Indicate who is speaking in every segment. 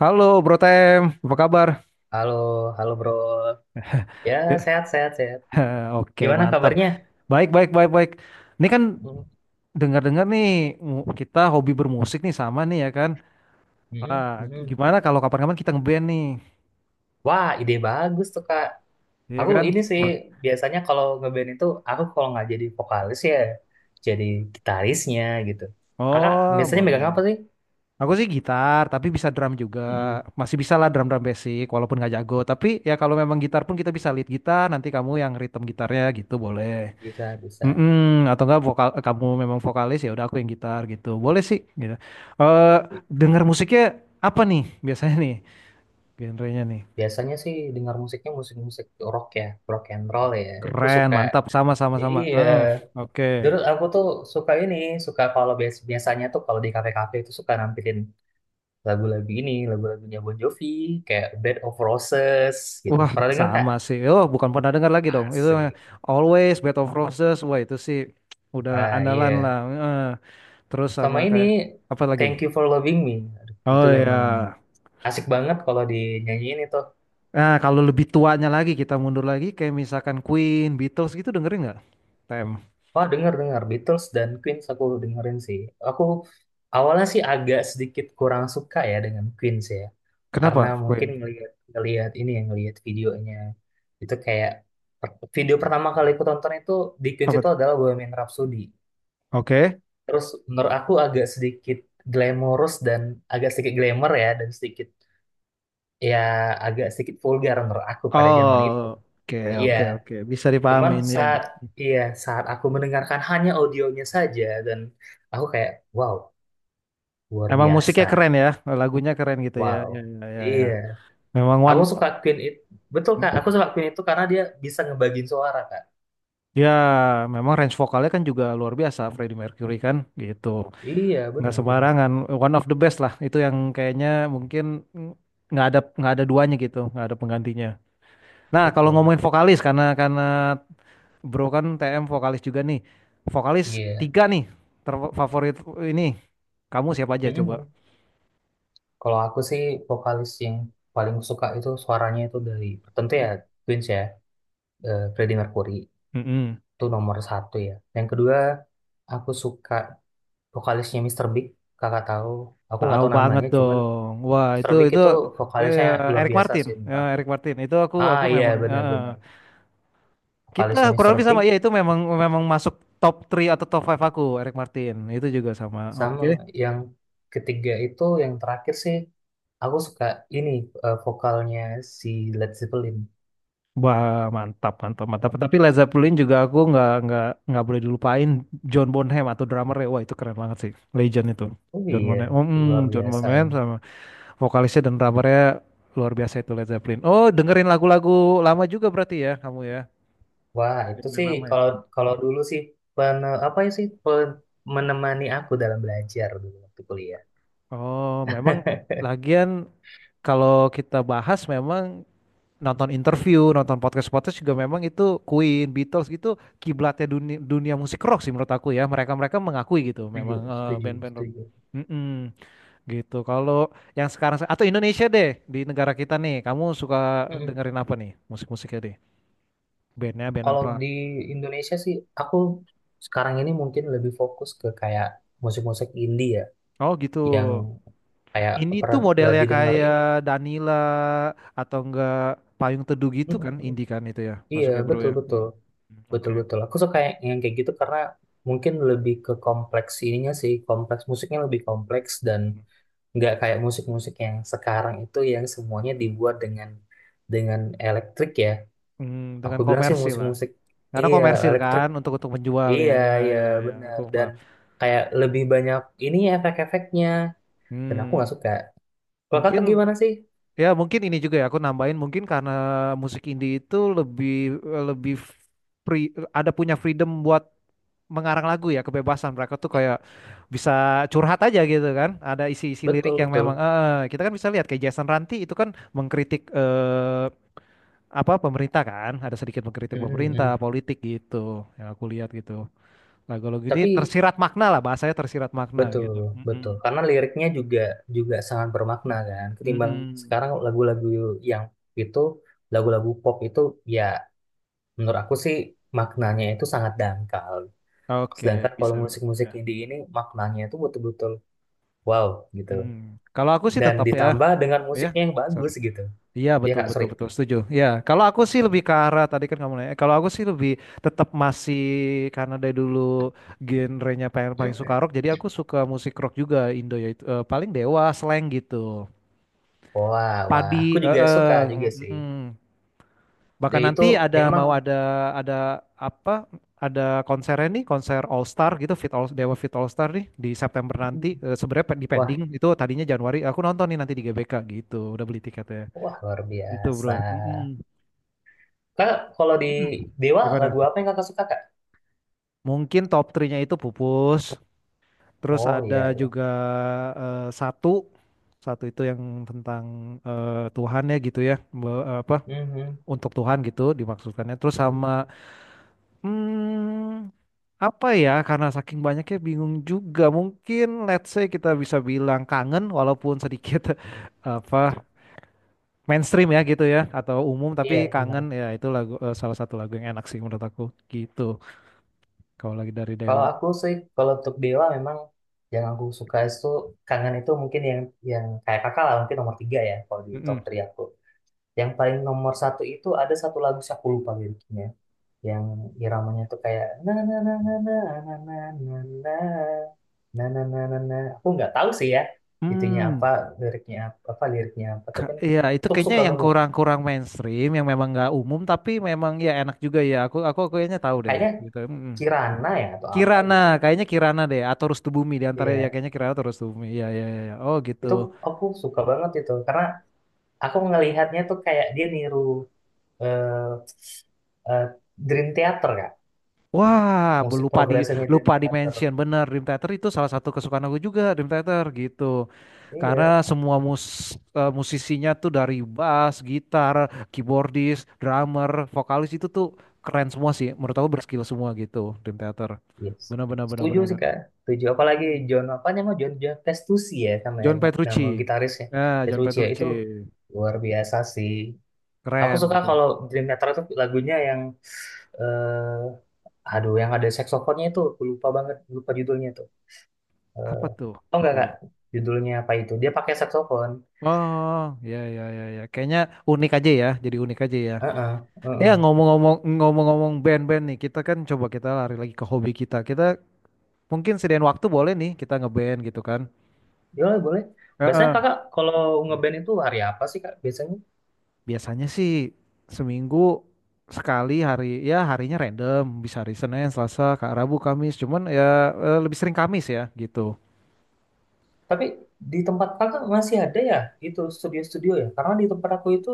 Speaker 1: Halo Bro Tem, apa kabar?
Speaker 2: Halo, halo bro. Ya, sehat, sehat, sehat.
Speaker 1: Oke,
Speaker 2: Gimana
Speaker 1: mantap.
Speaker 2: kabarnya?
Speaker 1: Baik, baik, baik, baik. Ini kan
Speaker 2: Mm,
Speaker 1: dengar-dengar nih, kita hobi bermusik nih sama nih ya kan.
Speaker 2: mm,
Speaker 1: Ah,
Speaker 2: mm.
Speaker 1: gimana kalau kapan-kapan kita ngeband nih?
Speaker 2: Wah, ide bagus tuh, Kak.
Speaker 1: Iya
Speaker 2: Aku
Speaker 1: kan?
Speaker 2: ini sih,
Speaker 1: Bo-
Speaker 2: biasanya kalau ngeband itu, aku kalau nggak jadi vokalis ya, jadi gitarisnya gitu. Kakak
Speaker 1: Oh,
Speaker 2: biasanya megang
Speaker 1: boleh.
Speaker 2: apa sih?
Speaker 1: Aku sih gitar, tapi bisa drum juga.
Speaker 2: Mm.
Speaker 1: Masih bisa lah drum-drum basic, walaupun nggak jago. Tapi ya kalau memang gitar pun kita bisa lead gitar, nanti kamu yang rhythm gitarnya gitu boleh.
Speaker 2: Bisa, bisa.
Speaker 1: Mm-mm, atau enggak vokal kamu memang vokalis ya udah aku yang gitar gitu. Boleh sih gitu. Eh
Speaker 2: Bi-
Speaker 1: Dengar musiknya apa nih biasanya nih, genrenya nih?
Speaker 2: Biasanya sih dengar musiknya musik-musik rock ya, rock and roll ya. Aku
Speaker 1: Keren,
Speaker 2: suka,
Speaker 1: mantap. Sama sama sama.
Speaker 2: iya.
Speaker 1: Heeh, oke.
Speaker 2: Dulu aku tuh suka ini, suka kalau biasanya tuh kalau di kafe-kafe itu suka nampilin lagu-lagu ini, lagu-lagunya Bon Jovi, kayak Bed of Roses gitu.
Speaker 1: Wah,
Speaker 2: Pernah denger Kak?
Speaker 1: sama sih. Oh, bukan pernah dengar lagi dong. Itu
Speaker 2: Asik.
Speaker 1: Always Bed of Roses. Wah, itu sih udah
Speaker 2: Ah
Speaker 1: andalan lah.
Speaker 2: iya.
Speaker 1: Heeh. Terus
Speaker 2: Sama
Speaker 1: sama
Speaker 2: ini
Speaker 1: kayak apa lagi?
Speaker 2: Thank You for Loving Me. Aduh, itu
Speaker 1: Oh
Speaker 2: memang
Speaker 1: ya.
Speaker 2: asik banget kalau dinyanyiin itu.
Speaker 1: Nah, kalau lebih tuanya lagi kita mundur lagi kayak misalkan Queen, Beatles gitu, dengerin nggak, Tem?
Speaker 2: Wah, denger-denger Beatles dan Queen aku dengerin sih. Aku awalnya sih agak sedikit kurang suka ya dengan Queen sih ya. Karena
Speaker 1: Kenapa
Speaker 2: mungkin
Speaker 1: Queen?
Speaker 2: ngelihat ngelihat ini ya ngelihat videonya itu kayak video pertama kali aku tonton itu di Queen
Speaker 1: Apa?
Speaker 2: itu adalah Bohemian Rhapsody.
Speaker 1: Oke.
Speaker 2: Terus menurut aku agak sedikit glamorous dan agak sedikit glamour ya dan sedikit ya agak sedikit vulgar menurut aku pada zaman itu.
Speaker 1: Oh, oke,
Speaker 2: Iya,
Speaker 1: oke, oke. Bisa
Speaker 2: cuman
Speaker 1: dipahamin ya.
Speaker 2: saat iya saat aku mendengarkan hanya audionya saja dan aku kayak wow, luar
Speaker 1: Emang musiknya
Speaker 2: biasa.
Speaker 1: keren ya, lagunya keren gitu ya.
Speaker 2: Wow.
Speaker 1: Ya, ya, ya, ya.
Speaker 2: Iya,
Speaker 1: Memang one,
Speaker 2: aku suka Queen itu. Betul Kak, aku suka Queen itu karena dia bisa ngebagiin suara Kak.
Speaker 1: ya, memang range vokalnya kan juga luar biasa Freddie Mercury kan, gitu.
Speaker 2: Iya,
Speaker 1: Nggak
Speaker 2: benar, benar.
Speaker 1: sembarangan, one of the best lah. Itu yang kayaknya mungkin nggak ada duanya gitu, nggak ada penggantinya. Nah, kalau
Speaker 2: Betul.
Speaker 1: ngomongin vokalis, karena Bro kan TM vokalis juga nih. Vokalis
Speaker 2: Iya.
Speaker 1: tiga nih terfavorit ini. Kamu siapa aja coba?
Speaker 2: Mm-mm. Kalau aku sih vokalis yang paling suka itu suaranya itu dari tentu ya Queens ya, Freddie Mercury
Speaker 1: Mm-mm.
Speaker 2: itu nomor satu ya. Yang kedua aku suka vokalisnya Mister Big, kakak tahu. Aku nggak
Speaker 1: Tahu
Speaker 2: tahu
Speaker 1: banget
Speaker 2: namanya, cuman
Speaker 1: dong. Wah,
Speaker 2: Mister
Speaker 1: itu
Speaker 2: Big
Speaker 1: itu
Speaker 2: itu
Speaker 1: eh,
Speaker 2: vokalisnya luar
Speaker 1: Eric
Speaker 2: biasa
Speaker 1: Martin.
Speaker 2: sih
Speaker 1: Ya,
Speaker 2: menurut aku.
Speaker 1: Eric Martin. Itu aku
Speaker 2: Ah
Speaker 1: aku
Speaker 2: iya,
Speaker 1: memang
Speaker 2: benar-benar
Speaker 1: Kita
Speaker 2: vokalisnya
Speaker 1: kurang
Speaker 2: Mister
Speaker 1: lebih sama.
Speaker 2: Big.
Speaker 1: Iya, itu memang memang masuk top 3 atau top 5 aku Eric Martin. Itu juga sama.
Speaker 2: Sama
Speaker 1: Oke.
Speaker 2: yang ketiga itu yang terakhir sih aku suka ini, vokalnya si Led Zeppelin.
Speaker 1: Wah, mantap, mantap, mantap. Tapi Led Zeppelin juga aku nggak boleh dilupain. John Bonham atau drummer ya, wah, itu keren banget sih. Legend itu.
Speaker 2: Oh
Speaker 1: John
Speaker 2: iya,
Speaker 1: Bonham. Oh,
Speaker 2: luar
Speaker 1: John
Speaker 2: biasa
Speaker 1: Bonham
Speaker 2: ya.
Speaker 1: sama vokalisnya dan drummernya luar biasa itu Led Zeppelin. Oh, dengerin lagu-lagu lama juga berarti ya kamu ya.
Speaker 2: Wah, itu
Speaker 1: Band-band
Speaker 2: sih
Speaker 1: lama.
Speaker 2: kalau kalau dulu sih pene, apa ya sih menemani aku dalam belajar dulu waktu kuliah.
Speaker 1: Oh, memang lagian kalau kita bahas, memang nonton interview, nonton podcast-podcast juga, memang itu Queen, Beatles gitu kiblatnya dunia, dunia musik rock sih menurut aku ya. Mereka-mereka mengakui gitu
Speaker 2: Setuju,
Speaker 1: memang,
Speaker 2: setuju,
Speaker 1: band-band rock.
Speaker 2: setuju.
Speaker 1: Mm-mm, gitu. Kalau yang sekarang atau Indonesia deh, di negara kita nih, kamu suka
Speaker 2: Mm.
Speaker 1: dengerin apa nih musik-musiknya deh? Bandnya band
Speaker 2: Kalau
Speaker 1: apa?
Speaker 2: di Indonesia sih aku sekarang ini mungkin lebih fokus ke kayak musik-musik indie ya,
Speaker 1: Oh gitu.
Speaker 2: yang kayak
Speaker 1: Ini tuh
Speaker 2: pernah
Speaker 1: modelnya
Speaker 2: lagi dengar ini.
Speaker 1: kayak Danila atau enggak Payung Teduh
Speaker 2: Mm,
Speaker 1: gitu kan,
Speaker 2: mm.
Speaker 1: indie kan itu ya,
Speaker 2: Iya,
Speaker 1: masuknya bro
Speaker 2: betul
Speaker 1: ya.
Speaker 2: betul,
Speaker 1: Hmm. Hmm,
Speaker 2: betul
Speaker 1: oke.
Speaker 2: betul. Aku suka yang kayak gitu karena mungkin lebih ke kompleks ininya sih, kompleks musiknya lebih kompleks dan nggak kayak musik-musik yang sekarang itu yang semuanya dibuat dengan elektrik ya,
Speaker 1: Hmm,
Speaker 2: aku
Speaker 1: dengan
Speaker 2: bilang sih
Speaker 1: komersil lah.
Speaker 2: musik-musik
Speaker 1: Karena
Speaker 2: iya
Speaker 1: komersil
Speaker 2: elektrik,
Speaker 1: kan untuk menjual ya,
Speaker 2: iya
Speaker 1: ya,
Speaker 2: iya
Speaker 1: ya, ya. Aku
Speaker 2: benar. Dan
Speaker 1: paham.
Speaker 2: kayak lebih banyak ini ya efek-efeknya, dan aku nggak
Speaker 1: Hmm,
Speaker 2: suka. Kalau
Speaker 1: mungkin
Speaker 2: kakak gimana sih?
Speaker 1: ya, mungkin ini juga ya aku nambahin, mungkin karena musik indie itu lebih lebih free, ada punya freedom buat mengarang lagu ya, kebebasan mereka tuh kayak bisa curhat aja gitu kan, ada isi-isi lirik
Speaker 2: Betul
Speaker 1: yang
Speaker 2: betul.
Speaker 1: memang, kita kan bisa lihat kayak Jason Ranti itu kan mengkritik, apa, pemerintah kan, ada sedikit mengkritik
Speaker 2: Mm, mm, mm.
Speaker 1: pemerintah politik gitu yang aku lihat gitu. Lagu-lagu ini
Speaker 2: Tapi
Speaker 1: tersirat makna lah, bahasanya tersirat makna
Speaker 2: betul
Speaker 1: gitu.
Speaker 2: betul
Speaker 1: Mm-mm.
Speaker 2: karena liriknya juga juga sangat bermakna kan ketimbang
Speaker 1: Mm-mm.
Speaker 2: sekarang lagu-lagu yang itu, lagu-lagu pop itu ya menurut aku sih maknanya itu sangat dangkal.
Speaker 1: Oke,
Speaker 2: Sedangkan kalau
Speaker 1: bisa
Speaker 2: musik-musik
Speaker 1: ya.
Speaker 2: indie ini maknanya itu betul-betul wow gitu.
Speaker 1: Mm. Kalau aku sih
Speaker 2: Dan
Speaker 1: tetap ya,
Speaker 2: ditambah dengan
Speaker 1: ya,
Speaker 2: musiknya yang
Speaker 1: sorry.
Speaker 2: bagus gitu.
Speaker 1: Iya,
Speaker 2: Iya
Speaker 1: betul
Speaker 2: Kak,
Speaker 1: betul
Speaker 2: sorry.
Speaker 1: betul, setuju. Ya kalau aku sih
Speaker 2: Mm.
Speaker 1: lebih ke arah tadi kan, kamu nanya. Kalau aku sih lebih tetap masih, karena dari dulu genrenya paling paling suka rock. Jadi aku suka musik rock juga Indo ya, itu, paling Dewa, Slank gitu.
Speaker 2: Wah, wah,
Speaker 1: Padi,
Speaker 2: aku
Speaker 1: eh,
Speaker 2: juga suka
Speaker 1: eh,
Speaker 2: juga sih.
Speaker 1: mm,
Speaker 2: Dia
Speaker 1: Bahkan
Speaker 2: itu
Speaker 1: nanti ada,
Speaker 2: memang
Speaker 1: mau ada apa? Ada konsernya nih, konser All Star gitu, Fit All Dewa Fit All Star nih di September nanti. Sebenarnya di
Speaker 2: wah,
Speaker 1: pending itu, tadinya Januari. Aku nonton nih nanti di GBK gitu. Udah beli tiketnya.
Speaker 2: wah luar
Speaker 1: Gitu
Speaker 2: biasa.
Speaker 1: bro. Mm-mm.
Speaker 2: Kak, kalau di
Speaker 1: Mm-mm.
Speaker 2: Dewa
Speaker 1: Gimana?
Speaker 2: lagu apa yang Kakak suka Kak?
Speaker 1: Mungkin top 3-nya itu pupus. Terus
Speaker 2: Oh iya,
Speaker 1: ada
Speaker 2: iya.
Speaker 1: juga, eh, satu, satu itu yang tentang, Tuhan ya gitu ya, apa,
Speaker 2: Mhm,
Speaker 1: untuk Tuhan gitu dimaksudkannya. Terus
Speaker 2: mhm.
Speaker 1: sama, hmm, apa ya? Karena saking banyaknya bingung juga. Mungkin let's say kita bisa bilang kangen, walaupun sedikit apa, mainstream ya gitu ya, atau umum, tapi
Speaker 2: Iya,
Speaker 1: kangen
Speaker 2: benar.
Speaker 1: ya itu lagu, salah satu lagu yang enak sih menurut aku gitu. Kalau lagi dari
Speaker 2: Kalau
Speaker 1: Dewa.
Speaker 2: aku sih, kalau untuk Dewa memang yang aku suka itu kangen itu mungkin yang kayak kakak lah mungkin nomor tiga ya kalau di top
Speaker 1: Mm-mm.
Speaker 2: tiga aku. Yang paling nomor satu itu ada satu lagu sih aku lupa liriknya. Yang iramanya tuh kayak na na na na na na na na na na na na na na. Aku nggak tahu sih ya itunya
Speaker 1: Hmm,
Speaker 2: apa, liriknya apa, apa liriknya apa. Cuman
Speaker 1: iya itu
Speaker 2: itu aku
Speaker 1: kayaknya
Speaker 2: suka
Speaker 1: yang
Speaker 2: banget.
Speaker 1: kurang-kurang mainstream, yang memang nggak umum, tapi memang ya enak juga ya. Aku kayaknya tahu deh,
Speaker 2: Kayaknya
Speaker 1: gitu. Mm-mm.
Speaker 2: Kirana ya atau apa
Speaker 1: Kirana,
Speaker 2: gitu.
Speaker 1: kayaknya Kirana deh, atau Rustubumi, di antara ya
Speaker 2: Iya,
Speaker 1: kayaknya Kirana atau Rustubumi. Iya iya iya. Iya. Oh gitu.
Speaker 2: itu aku suka banget itu karena aku ngelihatnya tuh kayak dia niru eh eh, Dream Theater kak,
Speaker 1: Wah,
Speaker 2: musik
Speaker 1: lupa di
Speaker 2: progresifnya Dream Theater.
Speaker 1: mention, bener Dream Theater itu salah satu kesukaan aku juga, Dream Theater gitu.
Speaker 2: Iya.
Speaker 1: Karena semua musisinya tuh dari bass, gitar, keyboardis, drummer, vokalis itu tuh keren semua sih. Menurut aku berskill semua gitu, Dream Theater.
Speaker 2: Yes.
Speaker 1: Benar benar benar
Speaker 2: Setuju
Speaker 1: benar.
Speaker 2: sih Kak. Setuju. Apalagi
Speaker 1: Hmm.
Speaker 2: John apa namanya John, John Testucci ya sama
Speaker 1: John
Speaker 2: nama
Speaker 1: Petrucci.
Speaker 2: gitarisnya
Speaker 1: Ya, John
Speaker 2: Petrucci ya itu
Speaker 1: Petrucci.
Speaker 2: luar biasa sih. Aku
Speaker 1: Keren
Speaker 2: suka
Speaker 1: betul.
Speaker 2: kalau Dream Theater itu lagunya yang eh aduh yang ada saksofonnya itu aku lupa banget lupa judulnya tuh. Eh
Speaker 1: Apa tuh?
Speaker 2: oh enggak
Speaker 1: Coba.
Speaker 2: Kak, judulnya apa itu? Dia pakai saksofon.
Speaker 1: Oh, ya ya ya ya. Kayaknya unik aja ya. Jadi unik aja ya.
Speaker 2: Heeh,
Speaker 1: Ya,
Speaker 2: heeh.
Speaker 1: ngomong-ngomong band-band nih, kita kan coba kita lari lagi ke hobi kita. Kita mungkin sediain waktu, boleh nih kita ngeband gitu kan.
Speaker 2: Boleh, boleh. Biasanya
Speaker 1: Heeh.
Speaker 2: Kakak kalau ngeband itu hari apa sih Kak? Biasanya
Speaker 1: Biasanya sih seminggu sekali, hari ya, harinya random, bisa hari Senin, Selasa, kak, Rabu, Kamis. Cuman ya, lebih sering Kamis ya gitu.
Speaker 2: tapi di tempat kakak masih ada ya itu studio-studio ya? Karena di tempat aku itu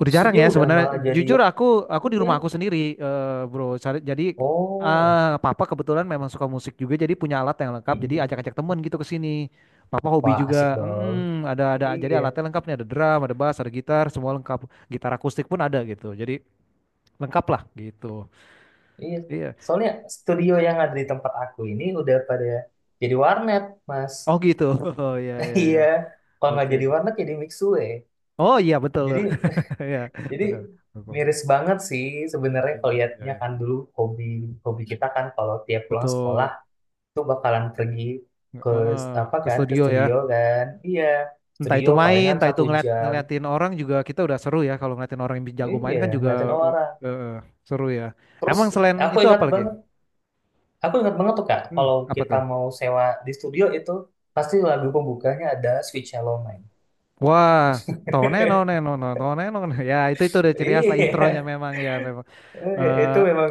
Speaker 1: Udah jarang
Speaker 2: studio
Speaker 1: ya
Speaker 2: udah
Speaker 1: sebenarnya.
Speaker 2: malah jadi
Speaker 1: Jujur aku di
Speaker 2: iya.
Speaker 1: rumah aku sendiri, bro. Jadi,
Speaker 2: Oh.
Speaker 1: ah, papa kebetulan memang suka musik juga, jadi punya alat yang lengkap. Jadi
Speaker 2: Mm-mm.
Speaker 1: ajak-ajak temen gitu ke sini. Papa hobi
Speaker 2: Wah, asik
Speaker 1: juga.
Speaker 2: dong.
Speaker 1: Mm, ada jadi
Speaker 2: Iya,
Speaker 1: alatnya lengkap nih. Ada drum, ada bass, ada gitar, semua lengkap. Gitar akustik pun ada gitu. Jadi lengkap lah gitu.
Speaker 2: iya.
Speaker 1: Iya.
Speaker 2: Soalnya studio yang ada di tempat aku ini udah pada jadi warnet, Mas.
Speaker 1: Oh gitu. Oh iya iya iya.
Speaker 2: Iya, kalau nggak
Speaker 1: Oke,
Speaker 2: jadi
Speaker 1: oke.
Speaker 2: warnet jadi mixue.
Speaker 1: Oh iya betul.
Speaker 2: Jadi,
Speaker 1: Iya
Speaker 2: jadi
Speaker 1: benar. Betul.
Speaker 2: miris banget sih sebenarnya kalau
Speaker 1: Iya,
Speaker 2: lihatnya
Speaker 1: iya.
Speaker 2: kan dulu hobi hobi kita kan kalau tiap pulang sekolah
Speaker 1: Betul.
Speaker 2: itu bakalan pergi ke apa
Speaker 1: Ke
Speaker 2: kan ke
Speaker 1: studio
Speaker 2: studio
Speaker 1: ya.
Speaker 2: kan, iya
Speaker 1: Entah
Speaker 2: studio
Speaker 1: itu main,
Speaker 2: palingan
Speaker 1: entah
Speaker 2: satu
Speaker 1: itu
Speaker 2: jam,
Speaker 1: ngeliatin orang, juga kita udah seru ya. Kalau ngeliatin orang yang jago main
Speaker 2: iya
Speaker 1: kan juga,
Speaker 2: ngeliatin orang.
Speaker 1: eh, eh, seru ya.
Speaker 2: Terus
Speaker 1: Emang selain
Speaker 2: aku
Speaker 1: itu
Speaker 2: ingat
Speaker 1: apa lagi?
Speaker 2: banget, aku ingat banget tuh kak
Speaker 1: Hmm,
Speaker 2: kalau
Speaker 1: apa
Speaker 2: kita
Speaker 1: tuh?
Speaker 2: mau sewa di studio itu pasti lagu pembukanya ada Sweet Shallow Mine.
Speaker 1: Wah, toneno neno no toneno neno. Ya itu, udah ciri khas lah intronya,
Speaker 2: Iya,
Speaker 1: memang ya memang.
Speaker 2: iya,
Speaker 1: Eh,
Speaker 2: itu memang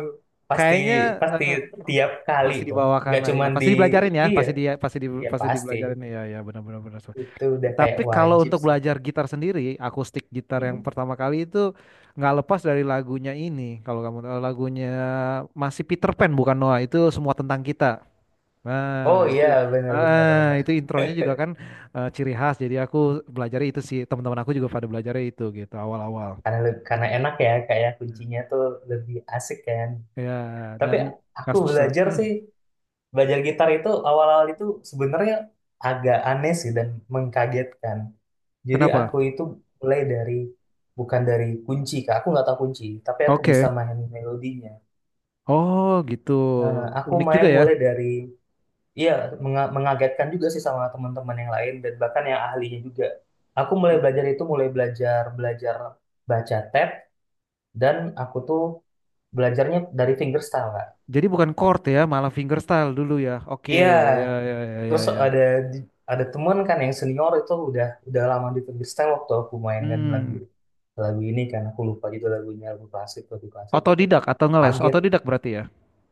Speaker 2: pasti
Speaker 1: Kayaknya, eh,
Speaker 2: pasti
Speaker 1: eh,
Speaker 2: tiap kali
Speaker 1: pasti
Speaker 2: tuh.
Speaker 1: dibawakan
Speaker 2: Nggak
Speaker 1: lah ya.
Speaker 2: cuman di
Speaker 1: Pasti dibelajarin ya.
Speaker 2: iya, iya
Speaker 1: Pasti
Speaker 2: pasti.
Speaker 1: dibelajarin ya, ya, benar-benar benar, benar, benar.
Speaker 2: Itu udah kayak
Speaker 1: Tapi kalau
Speaker 2: wajib
Speaker 1: untuk
Speaker 2: sih.
Speaker 1: belajar gitar sendiri, akustik gitar yang
Speaker 2: Mm-mm.
Speaker 1: pertama kali itu nggak lepas dari lagunya ini. Kalau kamu tahu lagunya, masih Peter Pan bukan Noah, itu semua tentang kita.
Speaker 2: Oh
Speaker 1: Nah,
Speaker 2: iya, benar benar benar.
Speaker 1: itu intronya juga kan, ciri khas. Jadi aku belajar itu sih, teman-teman aku juga pada belajar itu gitu awal-awal.
Speaker 2: Karena karena enak ya kayak kuncinya tuh lebih asik kan,
Speaker 1: Ya,
Speaker 2: tapi
Speaker 1: dan
Speaker 2: aku
Speaker 1: nggak susah.
Speaker 2: belajar
Speaker 1: Hmm,
Speaker 2: sih, belajar gitar itu awal-awal itu sebenarnya agak aneh sih dan mengkagetkan. Jadi
Speaker 1: kenapa?
Speaker 2: aku itu mulai dari bukan dari kunci kak, aku nggak tahu kunci tapi aku bisa
Speaker 1: Oke.
Speaker 2: main melodinya.
Speaker 1: Oh, gitu.
Speaker 2: Eh, aku
Speaker 1: Unik juga
Speaker 2: main
Speaker 1: ya.
Speaker 2: mulai dari iya mengagetkan juga sih sama teman-teman yang lain dan bahkan yang ahlinya juga. Aku mulai belajar itu mulai belajar belajar baca tab dan aku tuh belajarnya dari fingerstyle kak,
Speaker 1: Jadi bukan chord ya, malah fingerstyle dulu ya. Oke,
Speaker 2: iya.
Speaker 1: ya ya ya ya
Speaker 2: Terus
Speaker 1: ya.
Speaker 2: ada teman kan yang senior itu udah lama di fingerstyle waktu aku mainkan lagu
Speaker 1: Hmm,
Speaker 2: lagu ini kan aku lupa gitu lagunya, lagu klasik gitu.
Speaker 1: otodidak atau ngeles?
Speaker 2: Kaget.
Speaker 1: Otodidak berarti ya.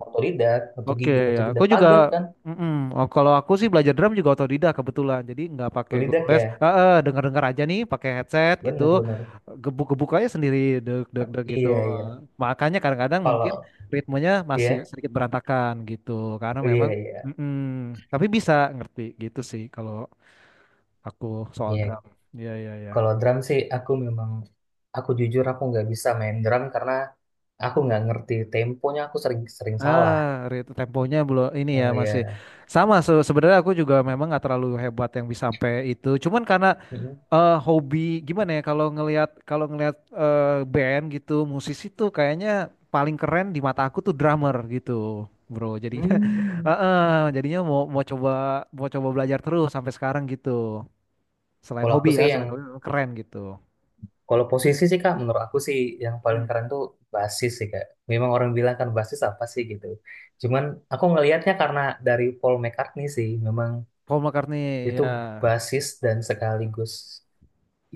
Speaker 2: Otodidak,
Speaker 1: Oke,
Speaker 2: otodidak,
Speaker 1: ya, aku
Speaker 2: otodidak,
Speaker 1: juga.
Speaker 2: kaget kan.
Speaker 1: Mm-mm. Oh, kalau aku sih belajar drum juga otodidak kebetulan. Jadi nggak pakai guru
Speaker 2: Otodidak
Speaker 1: les.
Speaker 2: ya,
Speaker 1: Dengar-dengar aja nih, pakai headset gitu,
Speaker 2: bener bener,
Speaker 1: gebuk-gebuk aja sendiri, deg-deg-deg gitu.
Speaker 2: iya iya.
Speaker 1: Makanya kadang-kadang mungkin
Speaker 2: Kalau
Speaker 1: ritmenya masih
Speaker 2: iya,
Speaker 1: sedikit berantakan gitu, karena
Speaker 2: iya
Speaker 1: memang.
Speaker 2: iya
Speaker 1: Mm-mm. Tapi bisa ngerti gitu sih kalau aku soal
Speaker 2: iya.
Speaker 1: drum. Iya iya iya.
Speaker 2: Kalau drum sih aku memang aku jujur aku nggak bisa main drum karena aku nggak ngerti temponya, aku sering sering salah.
Speaker 1: Ah, temponya belum ini ya,
Speaker 2: Oh
Speaker 1: masih
Speaker 2: iya.
Speaker 1: sama, sebenarnya aku juga memang nggak terlalu hebat yang bisa sampai itu. Cuman karena,
Speaker 2: Mm-mm.
Speaker 1: hobi, gimana ya, kalau ngelihat, band gitu musisi tuh kayaknya paling keren di mata aku tuh drummer gitu, bro. Jadinya eh,
Speaker 2: Hmm.
Speaker 1: eh, jadinya mau mau coba belajar terus sampai sekarang gitu. Selain
Speaker 2: Kalau aku
Speaker 1: hobi ya,
Speaker 2: sih yang
Speaker 1: selain hobi memang keren gitu.
Speaker 2: kalau posisi sih Kak, menurut aku sih yang paling
Speaker 1: Hmm.
Speaker 2: keren tuh basis sih Kak. Memang orang bilang kan basis apa sih gitu. Cuman aku ngelihatnya karena dari Paul McCartney sih, memang
Speaker 1: Paul McCartney
Speaker 2: itu
Speaker 1: ya.
Speaker 2: basis dan sekaligus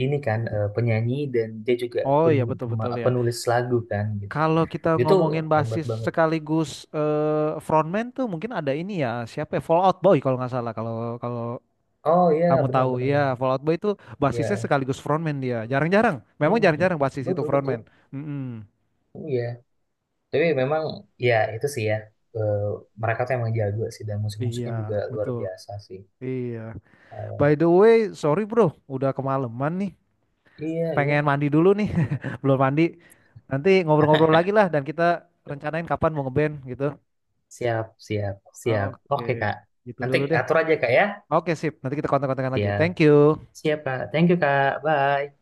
Speaker 2: ini kan, penyanyi dan dia juga
Speaker 1: Oh iya betul betul ya.
Speaker 2: penulis lagu kan gitu.
Speaker 1: Kalau kita
Speaker 2: Itu
Speaker 1: ngomongin
Speaker 2: hebat
Speaker 1: basis
Speaker 2: banget.
Speaker 1: sekaligus, frontman tuh mungkin ada ini ya, siapa ya, Fallout Boy kalau nggak salah, kalau, kalau
Speaker 2: Oh iya,
Speaker 1: kamu
Speaker 2: benar
Speaker 1: tahu,
Speaker 2: benar
Speaker 1: iya,
Speaker 2: benar.
Speaker 1: Fallout Boy itu
Speaker 2: Iya.
Speaker 1: basisnya sekaligus frontman, dia jarang-jarang, memang
Speaker 2: Hmm,
Speaker 1: jarang-jarang basis itu
Speaker 2: betul
Speaker 1: frontman.
Speaker 2: betul.
Speaker 1: Mm-mm.
Speaker 2: Oh iya. Tapi memang ya itu sih ya, eh, mereka tuh emang jago sih dan
Speaker 1: Iya,
Speaker 2: musik-musiknya juga luar
Speaker 1: betul.
Speaker 2: biasa sih.
Speaker 1: Iya,
Speaker 2: Oh,
Speaker 1: by
Speaker 2: ya.
Speaker 1: the way, sorry bro, udah kemalaman nih,
Speaker 2: Iya,
Speaker 1: pengen
Speaker 2: iya.
Speaker 1: mandi dulu nih, belum mandi, nanti ngobrol-ngobrol lagi lah, dan kita rencanain kapan mau ngeband gitu.
Speaker 2: Siap, siap, siap.
Speaker 1: Oke,
Speaker 2: Oke, Kak.
Speaker 1: gitu
Speaker 2: Nanti
Speaker 1: dulu deh,
Speaker 2: atur aja, Kak, ya.
Speaker 1: oke sip, nanti kita kontak-kontakan lagi,
Speaker 2: Siap.
Speaker 1: thank you.
Speaker 2: Siap, Kak. Thank you, Kak. Bye.